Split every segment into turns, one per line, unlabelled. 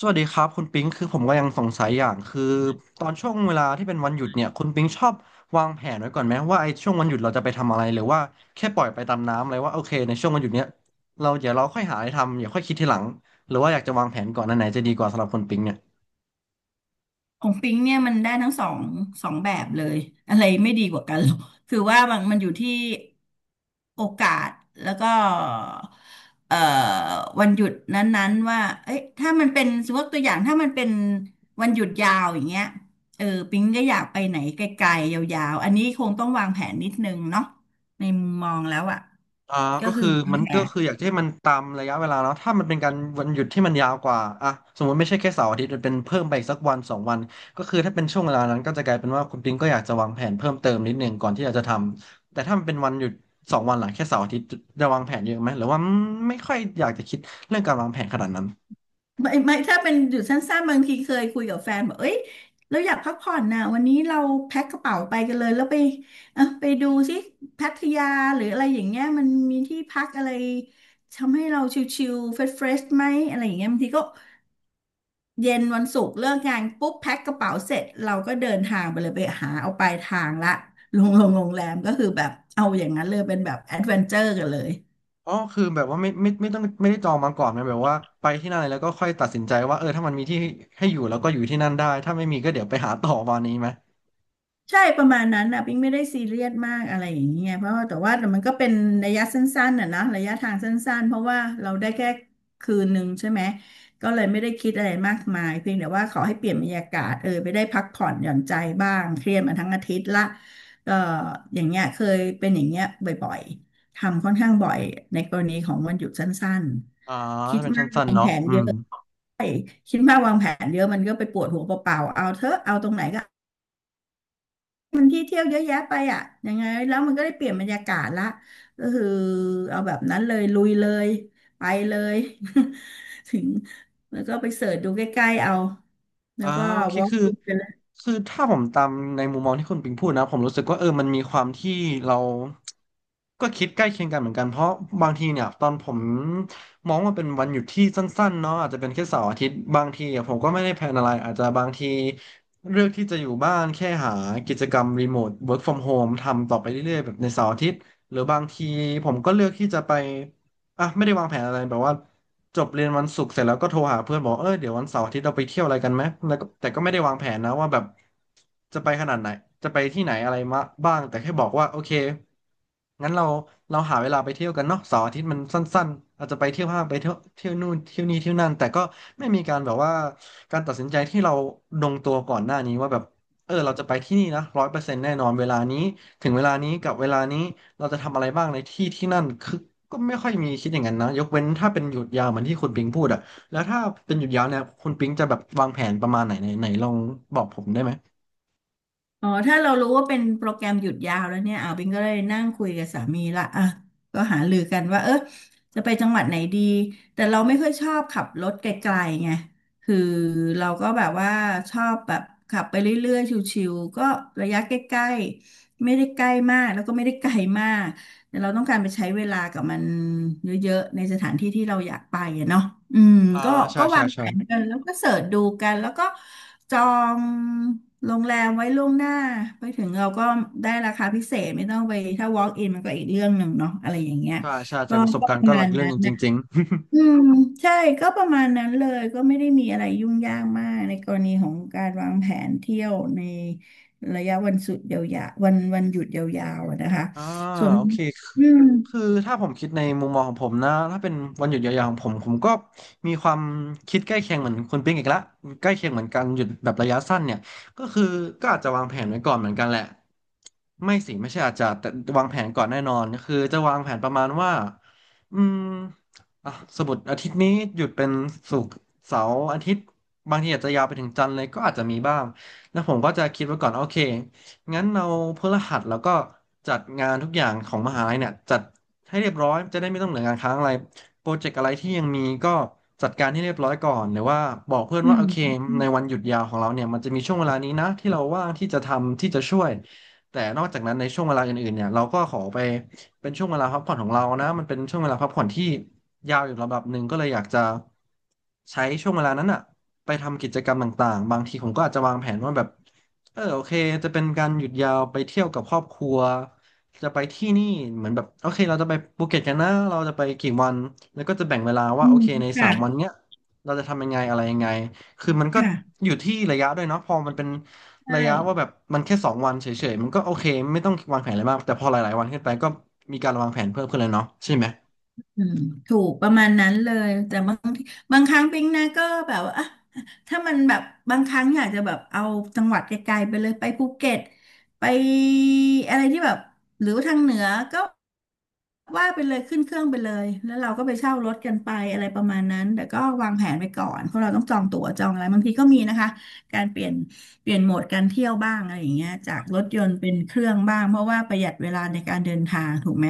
สวัสดีครับคุณปิงคือผมก็ยังสงสัยอย่างคือตอนช่วงเวลาที่เป็นวันหยุดเนี่ยคุณปิงชอบวางแผนไว้ก่อนไหมว่าไอ้ช่วงวันหยุดเราจะไปทำอะไรหรือว่าแค่ปล่อยไปตามน้ำเลยว่าโอเคในช่วงวันหยุดเนี้ยเราเดี๋ยวเราค่อยหาอะไรทำอย่าค่อยคิดทีหลังหรือว่าอยากจะวางแผนก่อนอันไหนจะดีกว่าสำหรับคุณปิงเนี่ย
ของปิ๊งเนี่ยมันได้ทั้งสองแบบเลยอะไรไม่ดีกว่ากัน หรอกคือว่ามันอยู่ที่โอกาสแล้วก็เอ่อวันหยุดนั้นๆว่าเอ้ยถ้ามันเป็นสมมติตัวอย่างถ้ามันเป็นวันหยุดยาวอย่างเงี้ยเออปิงก็อยากไปไหนไกลๆยาวๆอันนี้คงต้องวางแผนนิดนึงเนาะในมุมมองแล้วอ่ะ
อ่า
ก็
ก็
คือ
คือ
วาง
มัน
แผ
ก็
น
คืออยากจะให้มันตามระยะเวลาเนาะถ้ามันเป็นการวันหยุดที่มันยาวกว่าอ่ะสมมติไม่ใช่แค่เสาร์อาทิตย์มันเป็นเพิ่มไปอีกสักวันสองวันก็คือถ้าเป็นช่วงเวลานั้นก็จะกลายเป็นว่าคุณปิงก็อยากจะวางแผนเพิ่มเติมนิดนึงก่อนที่อยากจะทำแต่ถ้ามันเป็นวันหยุดสองวันหลังแค่เสาร์อาทิตย์จะวางแผนเยอะไหมหรือว่าไม่ค่อยอยากจะคิดเรื่องการวางแผนขนาดนั้น
ไม่ถ้าเป็นหยุดสั้นๆบางทีเคยคุยกับแฟนบอกเอ้ยเราอยากพักผ่อนนะวันนี้เราแพ็คกระเป๋าไปกันเลยแล้วไปเออไปดูสิพัทยาหรืออะไรอย่างเงี้ยมันมีที่พักอะไรทำให้เราชิลๆเฟรชๆไหมอะไรอย่างเงี้ยบางทีก็เย็นวันศุกร์เลิกงานปุ๊บแพ็คกระเป๋าเสร็จเราก็เดินทางไปเลยไปหาเอาปลายทางละลงโรงแรมก็คือแบบเอาอย่างนั้นเลยเป็นแบบแอดเวนเจอร์กันเลย
อ๋อคือแบบว่าไม่ต้องไม่ได้จองมาก่อนนะแบบว่าไปที่นั่นเลยแล้วก็ค่อยตัดสินใจว่าเออถ้ามันมีที่ให้อยู่แล้วก็อยู่ที่นั่นได้ถ้าไม่มีก็เดี๋ยวไปหาต่อวันนี้ไหม
ใช่ประมาณนั้นนะปิ๊งไม่ได้ซีเรียสมากอะไรอย่างเงี้ยเพราะว่าแต่ว่ามันก็เป็นระยะสั้นๆน่ะนะระยะทางสั้นๆเพราะว่าเราได้แค่คืนหนึ่งใช่ไหมก็เลยไม่ได้คิดอะไรมากมายเพียงแต่ว่าขอให้เปลี่ยนบรรยากาศเออไปได้พักผ่อนหย่อนใจบ้างเครียดมาทั้งอาทิตย์ละก็อย่างเงี้ยเคยเป็นอย่างเงี้ยบ่อยๆทำค่อนข้างบ่อยในกรณีของวันหยุดสั้น
อ่า
ๆคิด
ถ้าเป็น
มาก
สั้น
วา
ๆ
ง
เนาะ
แผน
อื
เย
ม
อะคิดมากวางแผนเยอะมันก็ไปปวดหัวเปล่าๆเอาเถอะเอาตรงไหนก็ มันที่เที่ยวเยอะแยะไปอ่ะยังไงแล้วมันก็ได้เปลี่ยนบรรยากาศละก็คือเอาแบบนั้นเลยลุยเลยไปเลย ถึงแล้วก็ไปเสิร์ชดูใกล้ๆเอาแล้
อ่า
วก็
โอเค
วอล์ก
คือ
ไปเลย
คือถ้าผมตามในมุมมองที่คุณปิงพูดนะผมรู้สึกว่าเออมันมีความที่เราก็คิดใกล้เคียงกันเหมือนกันเพราะบางทีเนี่ยตอนผมมองว่าเป็นวันหยุดที่สั้นๆเนาะอาจจะเป็นแค่เสาร์อาทิตย์บางทีอะผมก็ไม่ได้แพลนอะไรอาจจะบางทีเลือกที่จะอยู่บ้านแค่หากิจกรรมรีโมท work from home ทำต่อไปเรื่อยๆแบบในเสาร์อาทิตย์หรือบางทีผมก็เลือกที่จะไป อ่ะไม่ได้วางแผนอะไรแบบว่าจบเรียนวันศุกร์เสร็จแล้วก็โทรหาเพื่อนบอกเออเดี๋ยววันเสาร์อาทิตย์เราไปเที่ยวอะไรกันไหมแล้วก็แต่ก็ไม่ได้วางแผนนะว่าแบบจะไปขนาดไหนจะไปที่ไหนอะไรมาบ้างแต่แค่บอกว่าโอเคงั้นเราหาเวลาไปเที่ยวกันเนาะเสาร์อาทิตย์มันสั้นๆอาจจะไปเที่ยวห้างไปเที่ยวนู่นเที่ยวนี่เที่ยวนั่นแต่ก็ไม่มีการแบบว่าการตัดสินใจที่เราลงตัวก่อนหน้านี้ว่าแบบเออเราจะไปที่นี่นะ100 เปอร์เซ็นต์แน่นอนเวลานี้ถึงเวลานี้กับเวลานี้ เราจะทำอะไรบ้างในที่ที่นั่นคือก็ไม่ค่อยมีคิดอย่างนั้นนะยกเว้นถ้าเป็นหยุดยาวเหมือนที่คุณปิงพูดอะแล้วถ้าเป็นหยุดยาวเนี่ยคุณปิงจะแบบวางแผนประมาณไหนไหนไหนลองบอกผมได้ไหม
อ๋อถ้าเรารู้ว่าเป็นโปรแกรมหยุดยาวแล้วเนี่ยอ่าบิงก็เลยนั่งคุยกับสามีละอ่ะก็หารือกันว่าเออจะไปจังหวัดไหนดีแต่เราไม่ค่อยชอบขับรถไกลๆไงคือเราก็แบบว่าชอบแบบขับไปเรื่อยๆชิวๆก็ระยะใกล้ๆไม่ได้ใกล้มากแล้วก็ไม่ได้ไกลมากแต่เราต้องการไปใช้เวลากับมันเยอะๆในสถานที่ที่เราอยากไปอะเนาะอืม
อ่า
ก็
ใช่
ก็
ใช่
วางแผ
ใช่
นกันแล้วก็เสิร์ชดูกันแล้วก็ จองโรงแรมไว้ล่วงหน้าไปถึงเราก็ได้ราคาพิเศษไม่ต้องไปถ้า walk in มันก็อีกเรื่องหนึ่งเนาะอะไรอย่างเงี้ย
ใช่จา
ก็
กประสบ
ก็
กา
ป
รณ์
ระ
ก็ห
มา
ลัก
ณ
เรื่อง
นั้
ห
น
นึ่งจ
นะ
ริงๆ
อืมใช่ก็ประมาณนั้นเลยก็ไม่ได้มีอะไรยุ่งยากมากในกรณีของการวางแผนเที่ยวในระยะวันสุดยาวๆวันหยุดยาวๆอะนะคะ
อ่า
ส่วน
โอเค
อืม
คือถ้าผมคิดในมุมมองของผมนะถ้าเป็นวันหยุดยาวๆของผมก็มีความคิดใกล้เคียงเหมือนคุณปิ๊งอีกละใกล้เคียงเหมือนกันหยุดแบบระยะสั้นเนี่ยก็คือก็อาจจะวางแผนไว้ก่อนเหมือนกันแหละไม่สิไม่ใช่อาจจะแต่วางแผนก่อนแน่นอนก็คือจะวางแผนประมาณว่าอืมอ่ะสมมติอาทิตย์นี้หยุดเป็นศุกร์เสาร์อาทิตย์บางทีอาจจะยาวไปถึงจันทร์เลยก็อาจจะมีบ้างแล้วผมก็จะคิดไว้ก่อนโอเค งั้นเราพฤหัสแล้วก็จัดงานทุกอย่างของมหาลัยเนี่ยจัดให้เรียบร้อยจะได้ไม่ต้องเหลืองานค้างอะไรโปรเจกต์อะไรที่ยังมีก็จัดการให้เรียบร้อยก่อนหรือว่าบอกเพื่อน
อื
ว่าโอเค
ม
ในวันหยุดยาวของเราเนี่ยมันจะมีช่วงเวลานี้นะที่เราว่างที่จะทำที่จะช่วยแต่นอกจากนั้นในช่วงเวลาอื่นๆเนี่ยเราก็ขอไปเป็นช่วงเวลาพักผ่อนของเรานะมันเป็นช่วงเวลาพักผ่อนที่ยาวอยู่ระดับหนึ่งก็เลยอยากจะใช้ช่วงเวลานั้นอ่ะ ไปทำกิจกรรมต่างๆบางทีผมก็อาจจะวางแผนว่าแบบเออโอเคจะเป็นการหยุดยาวไปเที่ยวกับครอบครัวจะไปที่นี่เหมือนแบบโอเคเราจะไปภูเก็ตกันนะเราจะไปกี่วันแล้วก็จะแบ่งเวลาว่า
อื
โอ
ม
เคในสา
ค่ะ
มวันเนี้ยเราจะทำยังไงอะไรยังไงคือมันก็
ค่ะ
อยู่ที่ระยะด้วยเนาะพอมันเป็น
ใช่
ระยะว่าแบบมันแค่สองวันเฉยๆมันก็โอเคไม่ต้องวางแผนอะไรมากแต่พอหลายๆวันขึ้นไปก็มีการวางแผนเพิ่มขึ้นเลยเนาะใช่ไหม
อืมถูกประมาณนั้นเลยแต่บางทีบางครั้งปิ๊งนะก็แบบว่าอ่ะถ้ามันแบบบางครั้งอยากจะแบบเอาจังหวัดไกลๆไปเลยไปภูเก็ตไปอะไรที่แบบหรือว่าทางเหนือก็ว่าไปเลยขึ้นเครื่องไปเลยแล้วเราก็ไปเช่ารถกันไปอะไรประมาณนั้นแต่ก็วางแผนไปก่อนเพราะเราต้องจองตั๋วจองอะไรบางทีก็มีนะคะการเปลี่ยนโหมดการเที่ยวบ้างอะไรอย่างเงี้ยจากรถยนต์เป็นเครื่องบ้างเพราะว่าประหยัดเวลาในการเดินทางถูกไหม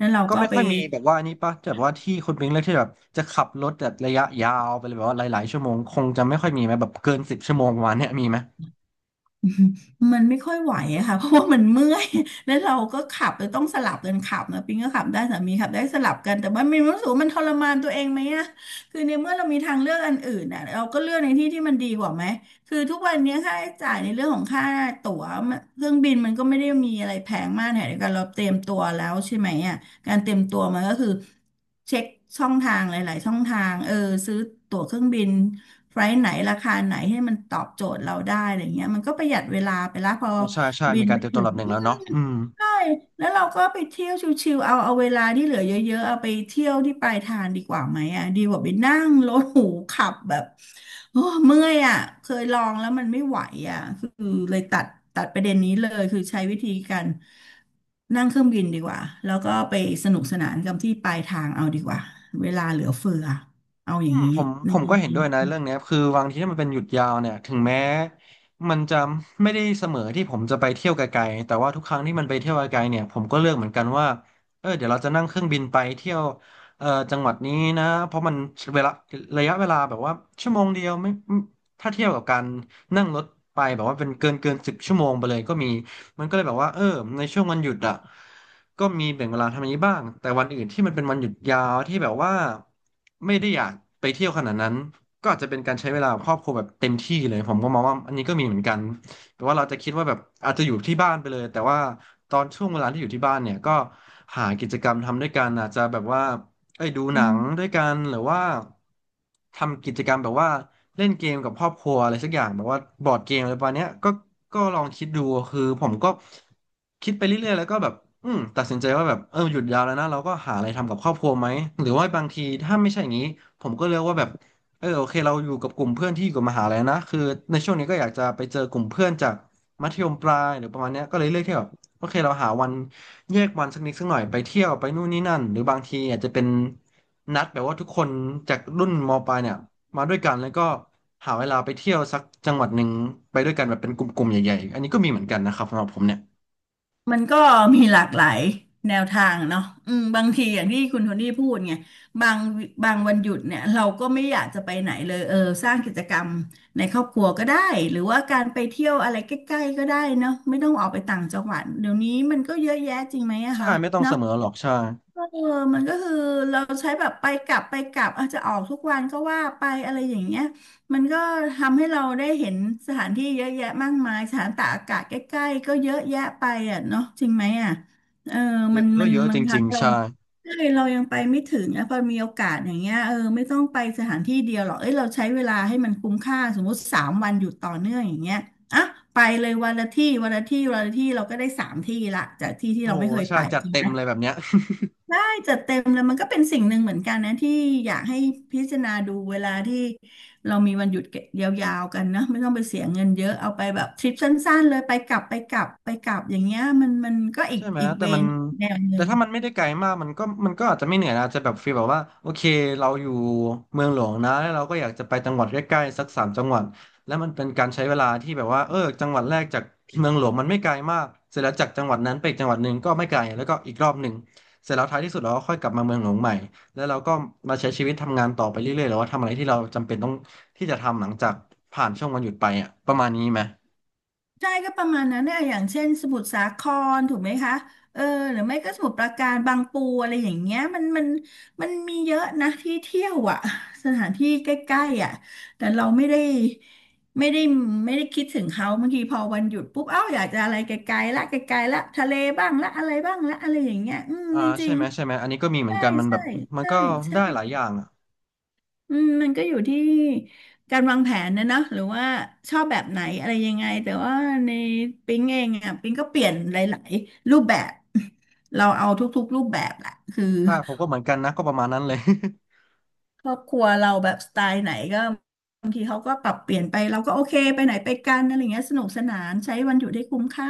นั้นเรา
ก็
ก็
ไม่
ไป
ค่อยมีแบบว่าอันนี้ปะแบบว่าที่คุณปิงเลือกที่แบบจะขับรถแบบระยะยาวไปเลยแบบว่าหลายๆชั่วโมงคงจะไม่ค่อยมีไหมแบบเกินสิบชั่วโมงประมาณเนี้ยมีไหม
มันไม่ค่อยไหวอะค่ะ เพราะว่ามันเมื่อย แล้วเราก็ขับเลยต้องสลับกันขับนะปิงก็ขับได้สามีขับได้สลับกันแต่ว่ามีรู้สึกว่ามันทรมานตัวเองไหมอะคือในเมื่อเรามีทางเลือกอันอื่นอะเราก็เลือกในที่ที่มันดีกว่าไหมคือทุกวันนี้ค่าใช้จ่ายในเรื่องของค่าตั๋วเครื่องบินมันก็ไม่ได้มีอะไรแพงมากแถมเดียวกันเราเตรียมตัวแล้วใช่ไหมอะ การเตรียมตัวมันก็คือเช็คช่องทางหลายๆช่องทางเออซื้อตั๋วเครื่องบินไฟล์ไหนราคาไหนให้มันตอบโจทย์เราได้อะไรเงี้ยมันก็ประหยัดเวลาไปละพอ
อ่าใช่ใช่
บิ
มี
น
การ
ไป
เตรียมตั
ถึ
วระ
ง
ดับหนึ่งแล้วเนาะอืม
ใช่แล้วเราก็ไปเที่ยวชิวๆเอาเวลาที่เหลือเยอะๆเอาไปเที่ยวที่ปลายทางดีกว่าไหมอ่ะดีกว่าไปนั่งรถหรูขับแบบโอ้เมื่อยอ่ะเคยลองแล้วมันไม่ไหวอ่ะคือเลยตัดประเด็นนี้เลยคือใช้วิธีการนั่งเครื่องบินดีกว่าแล้วก็ไปสนุกสนานกับที่ปลายทางเอาดีกว่าเวลาเหลือเฟือเอาอย่างนี้
ผม
ใน
ผม
น
ก็เห็น
ี้
ด้วยนะเรื่องเนี้ยคือบางทีถ้ามันเป็นหยุดยาวเนี่ยถึงแม้มันจะไม่ได้เสมอที่ผมจะไปเที่ยวไกลๆแต่ว่าทุกครั้งที่มันไปเที่ยวไกลๆเนี่ยผมก็เลือกเหมือนกันว่าเออเดี๋ยวเราจะนั่งเครื่องบินไปเที่ยวจังหวัดนี้นะเพราะมันเวลาระยะเวลาแบบว่าชั่วโมงเดียวไม่ถ้าเทียบกับการนั่งรถไปแบบว่าเป็นเกินสิบชั่วโมงไปเลยก็มี มันก็เลยแบบว่าเออในช่วงวันหยุดอ่ะก็มีแบ่งเวลาทำอย่างนี้บ้างแต่วันอื่นที่มันเป็นวันหยุดยาวที่แบบว่าไม่ได้อยากไปเที่ยวขนาดนั้นก็อาจจะเป็นการใช้เวลากับครอบครัวแบบเต็มที่เลยผมก็มองว่าอันนี้ก็มีเหมือนกันแต่ว่าเราจะคิดว่าแบบอาจจะอยู่ที่บ้านไปเลยแต่ว่าตอนช่วงเวลาที่อยู่ที่บ้านเนี่ยก็หากิจกรรมทำด้วยกันอาจจะแบบว่าเอ้ยดูหนังด้วยกันหรือว่าทำกิจกรรมแบบว่า เล่นเกมกับครอบครัวอะไรสักอย่างแบบว่าบอร์ดเกมอะไรประมาณเนี้ยก็ลองคิดดูคือผมก็คิดไปเรื่อยๆแล้วก็แบบอืมตัดสินใจว่าแบบเออหยุดยาวแล้วนะเราก็หาอะไรทำกับครอบครัวไหมหรือว่าบางทีถ้าไม่ใช่อย่างนี้ผมก็เลือกว่าแบบเออโอเคเราอยู่กับกลุ่มเพื่อนที่อยู่กับมหาลัยนะคือในช่วงนี้ก็อยากจะไปเจอกลุ่มเพื่อนจากมัธยมปลายหรือประมาณเนี้ยก็เลยเลือกที่แบบโอเคเราหาวันแยกวันสักนิดสักหน่อยไปเที่ยวไปนู่นนี่นั่นหรือบางทีอาจจะเป็นนัดแบบว่าทุกคนจากรุ่นมปลายเนี่ย มาด้วยกันแล้วก็หาเวลาไปเที่ยวสักจังหวัดหนึ่งไปด้วยกันแบบเป็นกลุ่มๆใหญ่ๆอันนี้ก็มีเหมือนกันนะครับสำหรับผมเนี่ย
มันก็มีหลากหลายแนวทางเนาะอืมบางทีอย่างที่คุณโทนี่พูดไงบางบางวันหยุดเนี่ยเราก็ไม่อยากจะไปไหนเลยเออสร้างกิจกรรมในครอบครัวก็ได้หรือว่าการไปเที่ยวอะไรใกล้ๆก็ได้เนาะไม่ต้องออกไปต่างจังหวัดเดี๋ยวนี้มันก็เยอะแยะจริงไหมอะ
ใช่
คะ
ไม่ต้องเส
เนาะ
มอหรอกใช่
เออมันก็คือเราใช้แบบไปกลับไปกลับอาจจะออกทุกวันก็ว่าไปอะไรอย่างเงี้ยมันก็ทำให้เราได้เห็นสถานที่เยอะแยะมากมายสถานตากอากาศใกล้ๆก็เยอะแยะไปอ่ะเนาะจริงไหมอ่ะเออ
เย
มันมั
อะ
น
เยอะจ
บางครั้
ริ
ง
งๆ
เรา
ใช่
เฮ้ยเรายังไปไม่ถึงนะพอมีโอกาสอย่างเงี้ยเออไม่ต้องไปสถานที่เดียวหรอกเอ้ยเราใช้เวลาให้มันคุ้มค่าสมมุติสามวันอยู่ต่อเนื่องอย่างเงี้ยอ่ะไปเลยวันละที่วันละที่วันละที่เราก็ได้สามที่ละจากที่ที่
โอ้
เรา
โห
ไม่เคย
ใช่
ไป
จัด
จริง
เต็
ไห
ม
ม
เลยแบบเนี้ย
จัดเต็มแล้วมันก็เป็นสิ่งหนึ่งเหมือนกันนะที่อยากให้พิจารณาดูเวลาที่เรามีวันหยุดยาวๆกันนะไม่ต้องไปเสียเงินเยอะเอาไปแบบทริปสั้นๆเลยไปกลับไปกลับไปกลับอย่างเงี้ยมันก็อีก
ใช่ไหม
อีก
แต่
เว
มัน
นแนวห
แต่
นึ่ง
ถ้ามันไม่ได้ไกลมากมันก็อาจจะไม่เหนื่อยนะอาจจะแบบฟีลแบบว่าโอเค เราอยู่เมืองหลวงนะแล้วเราก็อยากจะไปจังหวัดใกล้ๆสักสามจังหวัดแล้วมันเป็นการใช้เวลาที่แบบว่าเออจังหวัดแรกจากเมืองหลวงมันไม่ไกลมากเสร็จแล้วจากจังหวัดนั้นไปอีกจังหวัดหนึ่งก็ไม่ไกลแล้วก็อีกรอบหนึ่งเสร็จแล้วท้ายที่สุดเราก็ค่อยกลับมาเมืองหลวงใหม่แล้วเราก็มาใช้ชีวิตทำงานต่อไปเรื่อยๆหรือว่าทำอะไรที่เราจำเป็นต้องที่จะทำหลังจากผ่านช่วงวันหยุดไปอ่ะประมาณนี้ไหม
ใช่ก็ประมาณนั้นเนี่ยอย่างเช่นสมุทรสาครถูกไหมคะเออหรือไม่ก็สมุทรปราการบางปูอะไรอย่างเงี้ยมันมีเยอะนะที่เที่ยวอ่ะ สถานที่ใกล้ๆอ่ะแต่เราไม่ได้ไม่ได้ไม่ได้คิดถึงเขาบางทีพอวันหยุดปุ๊บเอ้าอยากจะอะไรไกลๆละไกลๆละทะเลบ้างละอะไรบ้างละอะไรอย่างเงี้ยอืม
อ่า
จ
ใช่
ริง
ไหมใช่ไหมอันนี้ก็มี
ๆ
เหมือ
ใช่
นกันมันแบ
ใช่
บมัน
ใช่
ก็
ใช่
ได้หลายอย่างอะ
อืมมันก็อยู่ที่การวางแผนนะเนอะหรือว่าชอบแบบไหนอะไรยังไงแต่ว่าในปิ๊งเองอ่ะปิ๊งก็เปลี่ยนหลายๆรูปแบบ เราเอาทุกๆรูปแบบแหละคือ
ค่ะผมก็เหมือนกันนะก็ประมาณนั้นเลย
ครอบครัวเราแบบสไตล์ไหนก็บางทีเขาก็ปรับเปลี่ยนไปเราก็โอเคไปไหนไปกันอะไรเงี้ยสนุกสนานใช้วันหยุดให้คุ้มค่า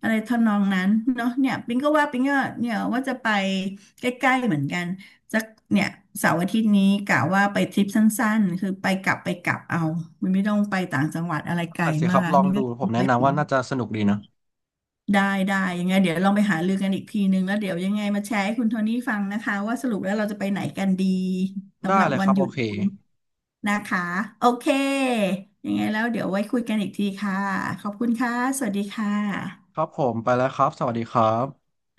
อะไรทำนองนั้นเนาะเนี่ยปิงก็ว่าปิงก็เนี่ยว่าจะไปใกล้ๆเหมือนกันสักเนี่ยเสาร์อาทิตย์นี้กะว่าไปทริปสั้นๆคือไปกลับไปกลับเอามันไม่ต้องไปต่างจังหวัดอะไรไกล
ต้อเสียค
มา
รับ
ก
ลอง
นี่
ดู
ก็
ผ
คิ
ม
ด
แนะ
ไว้
นำ
ถึ
ว่า
ง
น่าจะสนุกดีนะ
ได้ยังไงเดี๋ยวลองไปหารือกันอีกทีนึงแล้วเดี๋ยวยังไงมาแชร์ให้คุณโทนี่ฟังนะคะว่าสรุปแล้วเราจะไปไหนกันดี
ได้
สำหรับ
เลย
วั
ค
น
รับ
หยุ
โอ
ด
เค
นี้ นะคะโอเคยังไงแล้วเดี๋ยวไว้คุยกันอีกทีค่ะขอบคุณค่ะสวัสดีค่
ค
ะ
รับผมไปแล้วครับสวัสดีครับ